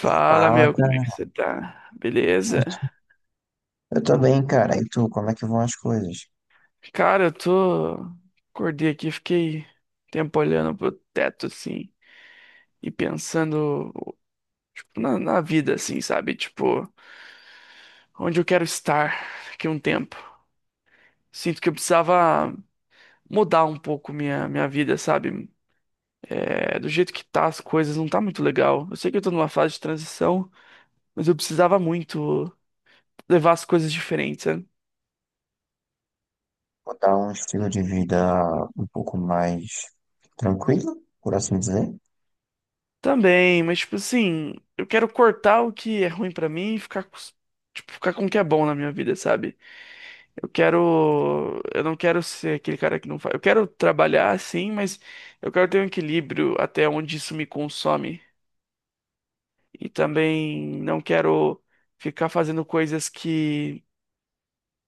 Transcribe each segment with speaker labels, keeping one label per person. Speaker 1: Fala,
Speaker 2: Fala,
Speaker 1: meu, como é que
Speaker 2: cara.
Speaker 1: você tá?
Speaker 2: Eu
Speaker 1: Beleza?
Speaker 2: tô, eu tô bem, cara. E tu, como é que vão as coisas?
Speaker 1: Cara, eu tô. Acordei aqui, fiquei um tempo olhando pro teto, assim, e pensando tipo, na vida, assim, sabe? Tipo, onde eu quero estar daqui a um tempo. Sinto que eu precisava mudar um pouco minha vida, sabe? É, do jeito que tá as coisas, não tá muito legal. Eu sei que eu tô numa fase de transição, mas eu precisava muito levar as coisas diferentes,
Speaker 2: Vou dar um estilo de vida um pouco mais tranquilo, por assim dizer.
Speaker 1: também, mas tipo assim, eu quero cortar o que é ruim pra mim e ficar, tipo, ficar com o que é bom na minha vida, sabe? Eu não quero ser aquele cara que não faz. Eu quero trabalhar sim, mas eu quero ter um equilíbrio até onde isso me consome. E também não quero ficar fazendo coisas que,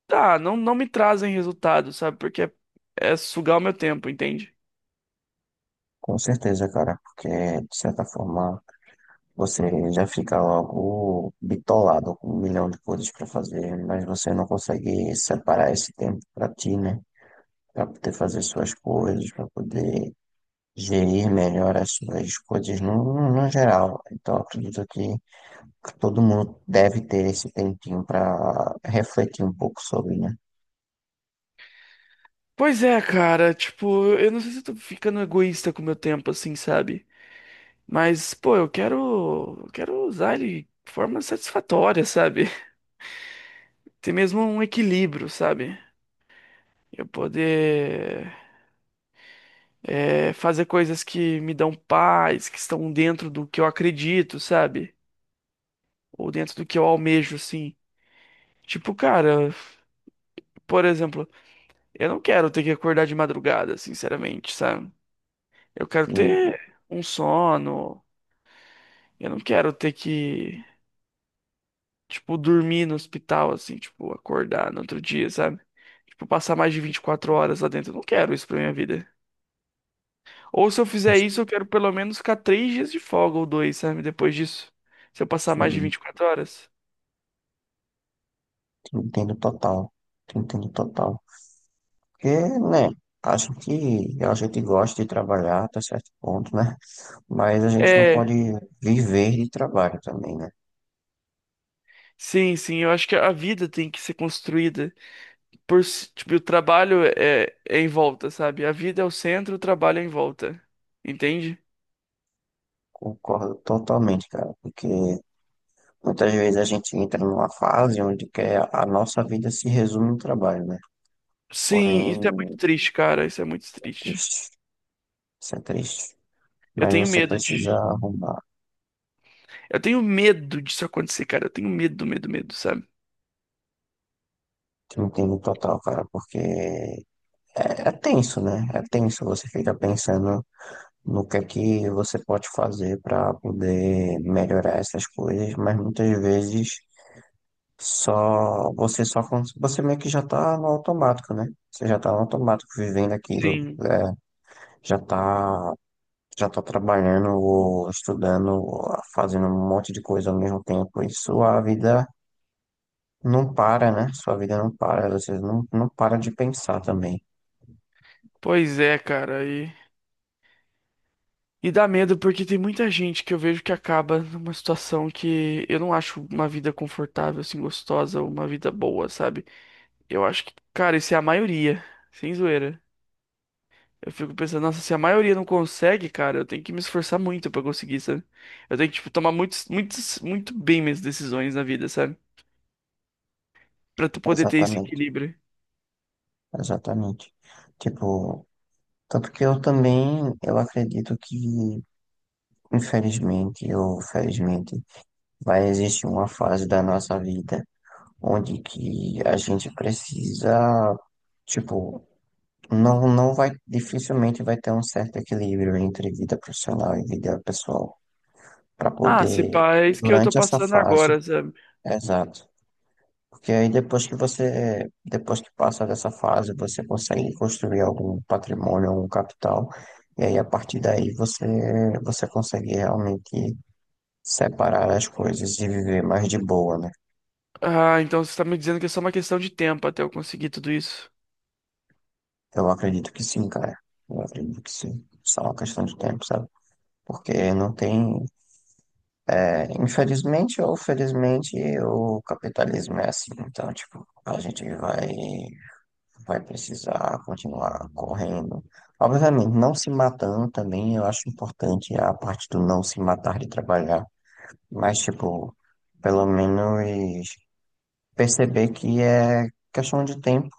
Speaker 1: tá, não me trazem resultado, sabe? Porque é sugar o meu tempo, entende?
Speaker 2: Com certeza, cara, porque de certa forma você já fica logo bitolado com um milhão de coisas pra fazer, mas você não consegue separar esse tempo pra ti, né? Pra poder fazer suas coisas, pra poder gerir melhor as suas coisas no geral. Então, eu acredito que todo mundo deve ter esse tempinho para refletir um pouco sobre, né?
Speaker 1: Pois é, cara, tipo, eu não sei se eu tô ficando egoísta com o meu tempo, assim, sabe? Mas, pô, eu quero usar ele de forma satisfatória, sabe? Ter mesmo um equilíbrio, sabe? Eu poder fazer coisas que me dão paz, que estão dentro do que eu acredito, sabe? Ou dentro do que eu almejo, assim. Tipo, cara, por exemplo, eu não quero ter que acordar de madrugada, sinceramente, sabe? Eu quero
Speaker 2: Sim,
Speaker 1: ter um sono. Eu não quero ter que tipo, dormir no hospital, assim, tipo, acordar no outro dia, sabe? Tipo, passar mais de 24 horas lá dentro. Eu não quero isso pra minha vida. Ou se eu fizer
Speaker 2: cons-
Speaker 1: isso, eu quero pelo menos ficar 3 dias de folga ou dois, sabe? Depois disso. Se eu passar mais de
Speaker 2: sim,
Speaker 1: 24 horas.
Speaker 2: te entendo total. Te entendo total. Porque, né, acho que a gente gosta de trabalhar até certo ponto, né? Mas a gente não
Speaker 1: É,
Speaker 2: pode viver de trabalho também, né?
Speaker 1: sim, sim. Eu acho que a vida tem que ser construída tipo, o trabalho é em volta, sabe? A vida é o centro, o trabalho é em volta. Entende?
Speaker 2: Concordo totalmente, cara, porque muitas vezes a gente entra numa fase onde quer a nossa vida se resume no trabalho, né?
Speaker 1: Sim, isso
Speaker 2: Porém,
Speaker 1: é muito triste, cara. Isso é muito triste.
Speaker 2: triste, isso é triste.
Speaker 1: Eu
Speaker 2: Mas
Speaker 1: tenho
Speaker 2: você
Speaker 1: medo de
Speaker 2: precisa arrumar.
Speaker 1: Eu tenho medo disso acontecer, cara. Eu tenho medo, medo, medo, sabe?
Speaker 2: Te entendo total, cara, porque é, é tenso, né? É tenso, você fica pensando no que é que você pode fazer para poder melhorar essas coisas, mas muitas vezes só você só cons- você meio que já tá no automático, né? Você já tá no automático vivendo aquilo,
Speaker 1: Sim,
Speaker 2: é, já tá já tá trabalhando ou estudando, ou fazendo um monte de coisa ao mesmo tempo, e sua vida não para, né? Sua vida não para, você não para de pensar também.
Speaker 1: pois é, cara. E dá medo porque tem muita gente que eu vejo que acaba numa situação que eu não acho uma vida confortável, assim, gostosa, uma vida boa, sabe? Eu acho que, cara, isso é a maioria, sem zoeira. Eu fico pensando, nossa, se a maioria não consegue, cara, eu tenho que me esforçar muito pra conseguir, sabe? Eu tenho que, tipo, tomar muitos, muitos, muito bem minhas decisões na vida, sabe? Pra tu poder ter esse
Speaker 2: Exatamente,
Speaker 1: equilíbrio.
Speaker 2: exatamente. Tipo, tanto que eu também, eu acredito que, infelizmente ou felizmente, vai existir uma fase da nossa vida onde que a gente precisa, tipo, não vai, dificilmente vai ter um certo equilíbrio entre vida profissional e vida pessoal, para
Speaker 1: Ah, se
Speaker 2: poder,
Speaker 1: pá, é isso que eu tô
Speaker 2: durante essa
Speaker 1: passando
Speaker 2: fase,
Speaker 1: agora, sabe?
Speaker 2: exato. Porque aí depois que você, depois que passa dessa fase, você consegue construir algum patrimônio, algum capital, e aí a partir daí você consegue realmente separar as coisas e viver mais de boa, né?
Speaker 1: Ah, então você está me dizendo que é só uma questão de tempo até eu conseguir tudo isso.
Speaker 2: Eu acredito que sim, cara. Eu acredito que sim. Só uma questão de tempo, sabe? Porque não tem, é, infelizmente ou felizmente, o capitalismo é assim. Então, tipo, a gente vai precisar continuar correndo. Obviamente, não se matando também, eu acho importante a parte do não se matar de trabalhar, mas, tipo, pelo menos perceber que é questão de tempo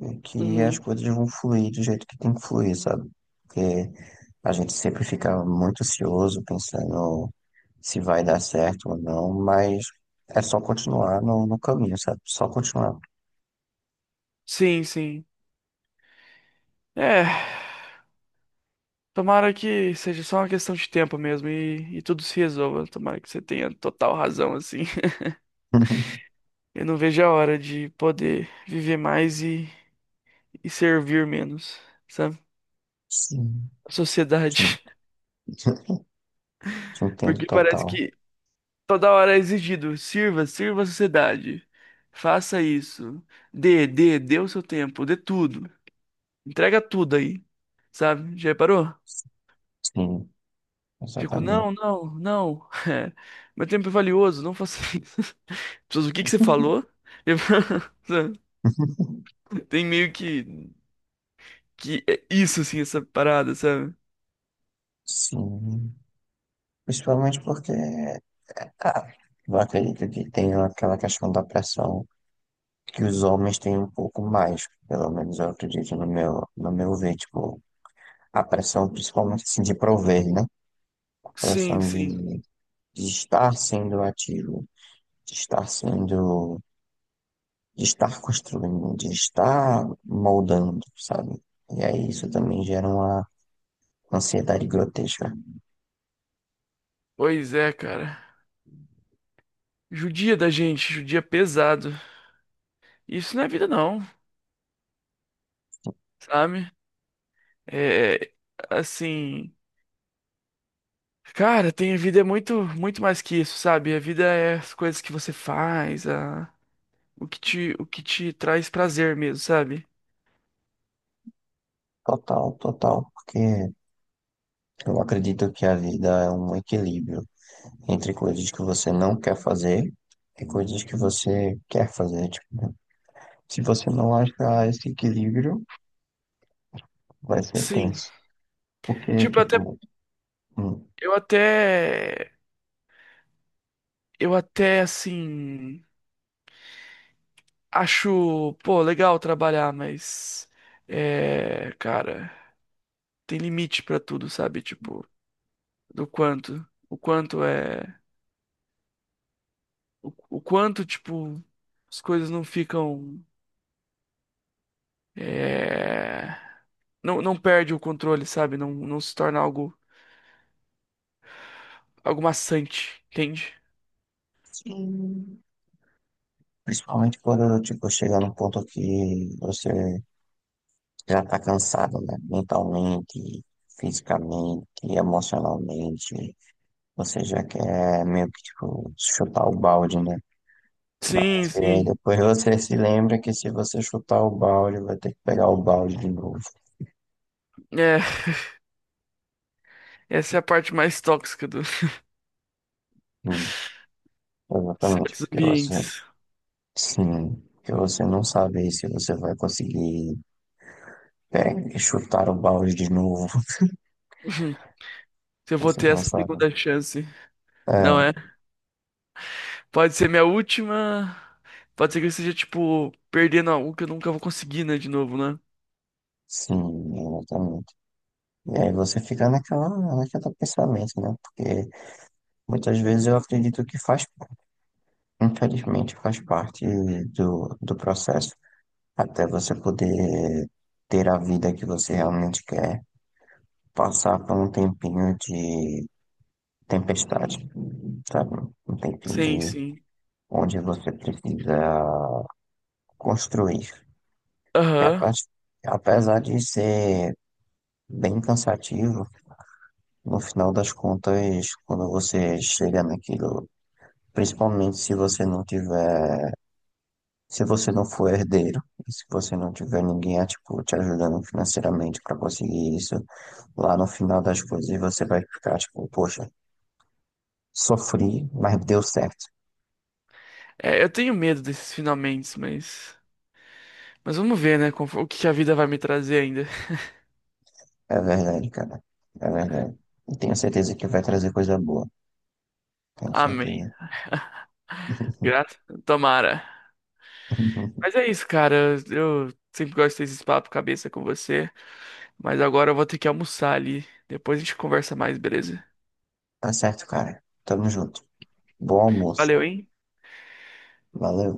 Speaker 2: e que as
Speaker 1: Uhum.
Speaker 2: coisas vão fluir do jeito que tem que fluir, sabe? Porque a gente sempre fica muito ansioso pensando se vai dar certo ou não, mas é só continuar no caminho, sabe? Só continuar.
Speaker 1: Sim, sim. É, tomara que seja só uma questão de tempo mesmo e tudo se resolva. Tomara que você tenha total razão, assim. Eu não vejo a hora de poder viver mais e servir menos, sabe?
Speaker 2: Sim.
Speaker 1: A sociedade.
Speaker 2: Sim. Entendo
Speaker 1: Porque parece
Speaker 2: total.
Speaker 1: que toda hora é exigido: sirva, sirva a sociedade. Faça isso. Dê, dê, dê o seu tempo, dê tudo. Entrega tudo aí, sabe? Já reparou?
Speaker 2: Sim,
Speaker 1: Fico,
Speaker 2: exatamente.
Speaker 1: não, não, não. Meu tempo é valioso, não faça isso. As pessoas, o que que você falou? Eu- sabe? Tem meio que é isso, assim, essa parada, sabe?
Speaker 2: Sim. Principalmente porque, é, ah, eu acredito que tem aquela questão da pressão que os homens têm um pouco mais, pelo menos eu acredito no meu, no meu ver, tipo, a pressão principalmente assim, de prover, né? A
Speaker 1: Sim,
Speaker 2: pressão
Speaker 1: sim.
Speaker 2: de estar sendo ativo, de estar sendo, de estar construindo, de estar moldando, sabe? E aí isso também gera uma ansiedade grotesca.
Speaker 1: Pois é, cara. Judia da gente, judia pesado. Isso não é vida, não, sabe? É, assim. Cara, tem a vida é muito, muito mais que isso, sabe? A vida é as coisas que você faz, o que te traz prazer mesmo, sabe?
Speaker 2: Total, total. Porque eu acredito que a vida é um equilíbrio entre coisas que você não quer fazer e coisas que você quer fazer. Tipo, né? Se você não achar esse equilíbrio, vai ser
Speaker 1: Sim.
Speaker 2: tenso. Porque,
Speaker 1: Tipo, até.
Speaker 2: tipo, hum,
Speaker 1: Eu até. Eu até, assim. Acho, pô, legal trabalhar, mas. É. Cara, tem limite pra tudo, sabe? Tipo, do quanto. O quanto é. O quanto, tipo, as coisas não ficam. É. Não perde o controle, sabe? Não se torna algo. Algo maçante, entende?
Speaker 2: sim. Principalmente quando, tipo, chegar num ponto que você já tá cansado, né? Mentalmente, fisicamente, emocionalmente. Você já quer meio que, tipo, chutar o balde, né?
Speaker 1: Sim,
Speaker 2: Mas e aí
Speaker 1: sim.
Speaker 2: depois você se lembra que se você chutar o balde, vai ter que pegar o balde de novo.
Speaker 1: É. Essa é a parte mais tóxica dos
Speaker 2: Hum, exatamente,
Speaker 1: certos
Speaker 2: porque
Speaker 1: ambientes.
Speaker 2: sim, porque você não sabe se você vai conseguir chutar o balde de novo.
Speaker 1: Se eu vou
Speaker 2: Você
Speaker 1: ter
Speaker 2: não
Speaker 1: essa
Speaker 2: sabe.
Speaker 1: segunda chance. Não é?
Speaker 2: É,
Speaker 1: Pode ser minha última. Pode ser que eu esteja, tipo, perdendo algo que eu nunca vou conseguir, né? De novo, né?
Speaker 2: sim, exatamente. E aí você fica naquela, naquela pensamento, né? Porque muitas vezes eu acredito que faz, infelizmente, faz parte do processo, até você poder ter a vida que você realmente quer. Passar por um tempinho de tempestade, sabe? Um tempinho
Speaker 1: Sim,
Speaker 2: de
Speaker 1: sim.
Speaker 2: onde você precisa construir. E a
Speaker 1: Aham.
Speaker 2: parte, apesar de ser bem cansativo, no final das contas, quando você chega naquilo, principalmente se você não tiver, se você não for herdeiro, e se você não tiver ninguém é, tipo, te ajudando financeiramente para conseguir isso, lá no final das coisas você vai ficar tipo, poxa, sofri, mas deu certo.
Speaker 1: É, eu tenho medo desses finalmente, mas. Mas vamos ver, né? O que que a vida vai me trazer ainda.
Speaker 2: É verdade, cara. É verdade. E tenho certeza que vai trazer coisa boa. Tenho
Speaker 1: Amém.
Speaker 2: certeza.
Speaker 1: Grato. Tomara. Mas é isso, cara. Eu sempre gosto desses papo cabeça com você. Mas agora eu vou ter que almoçar ali. Depois a gente conversa mais, beleza?
Speaker 2: Tá certo, cara. Tamo junto. Bom almoço.
Speaker 1: Valeu, hein?
Speaker 2: Valeu.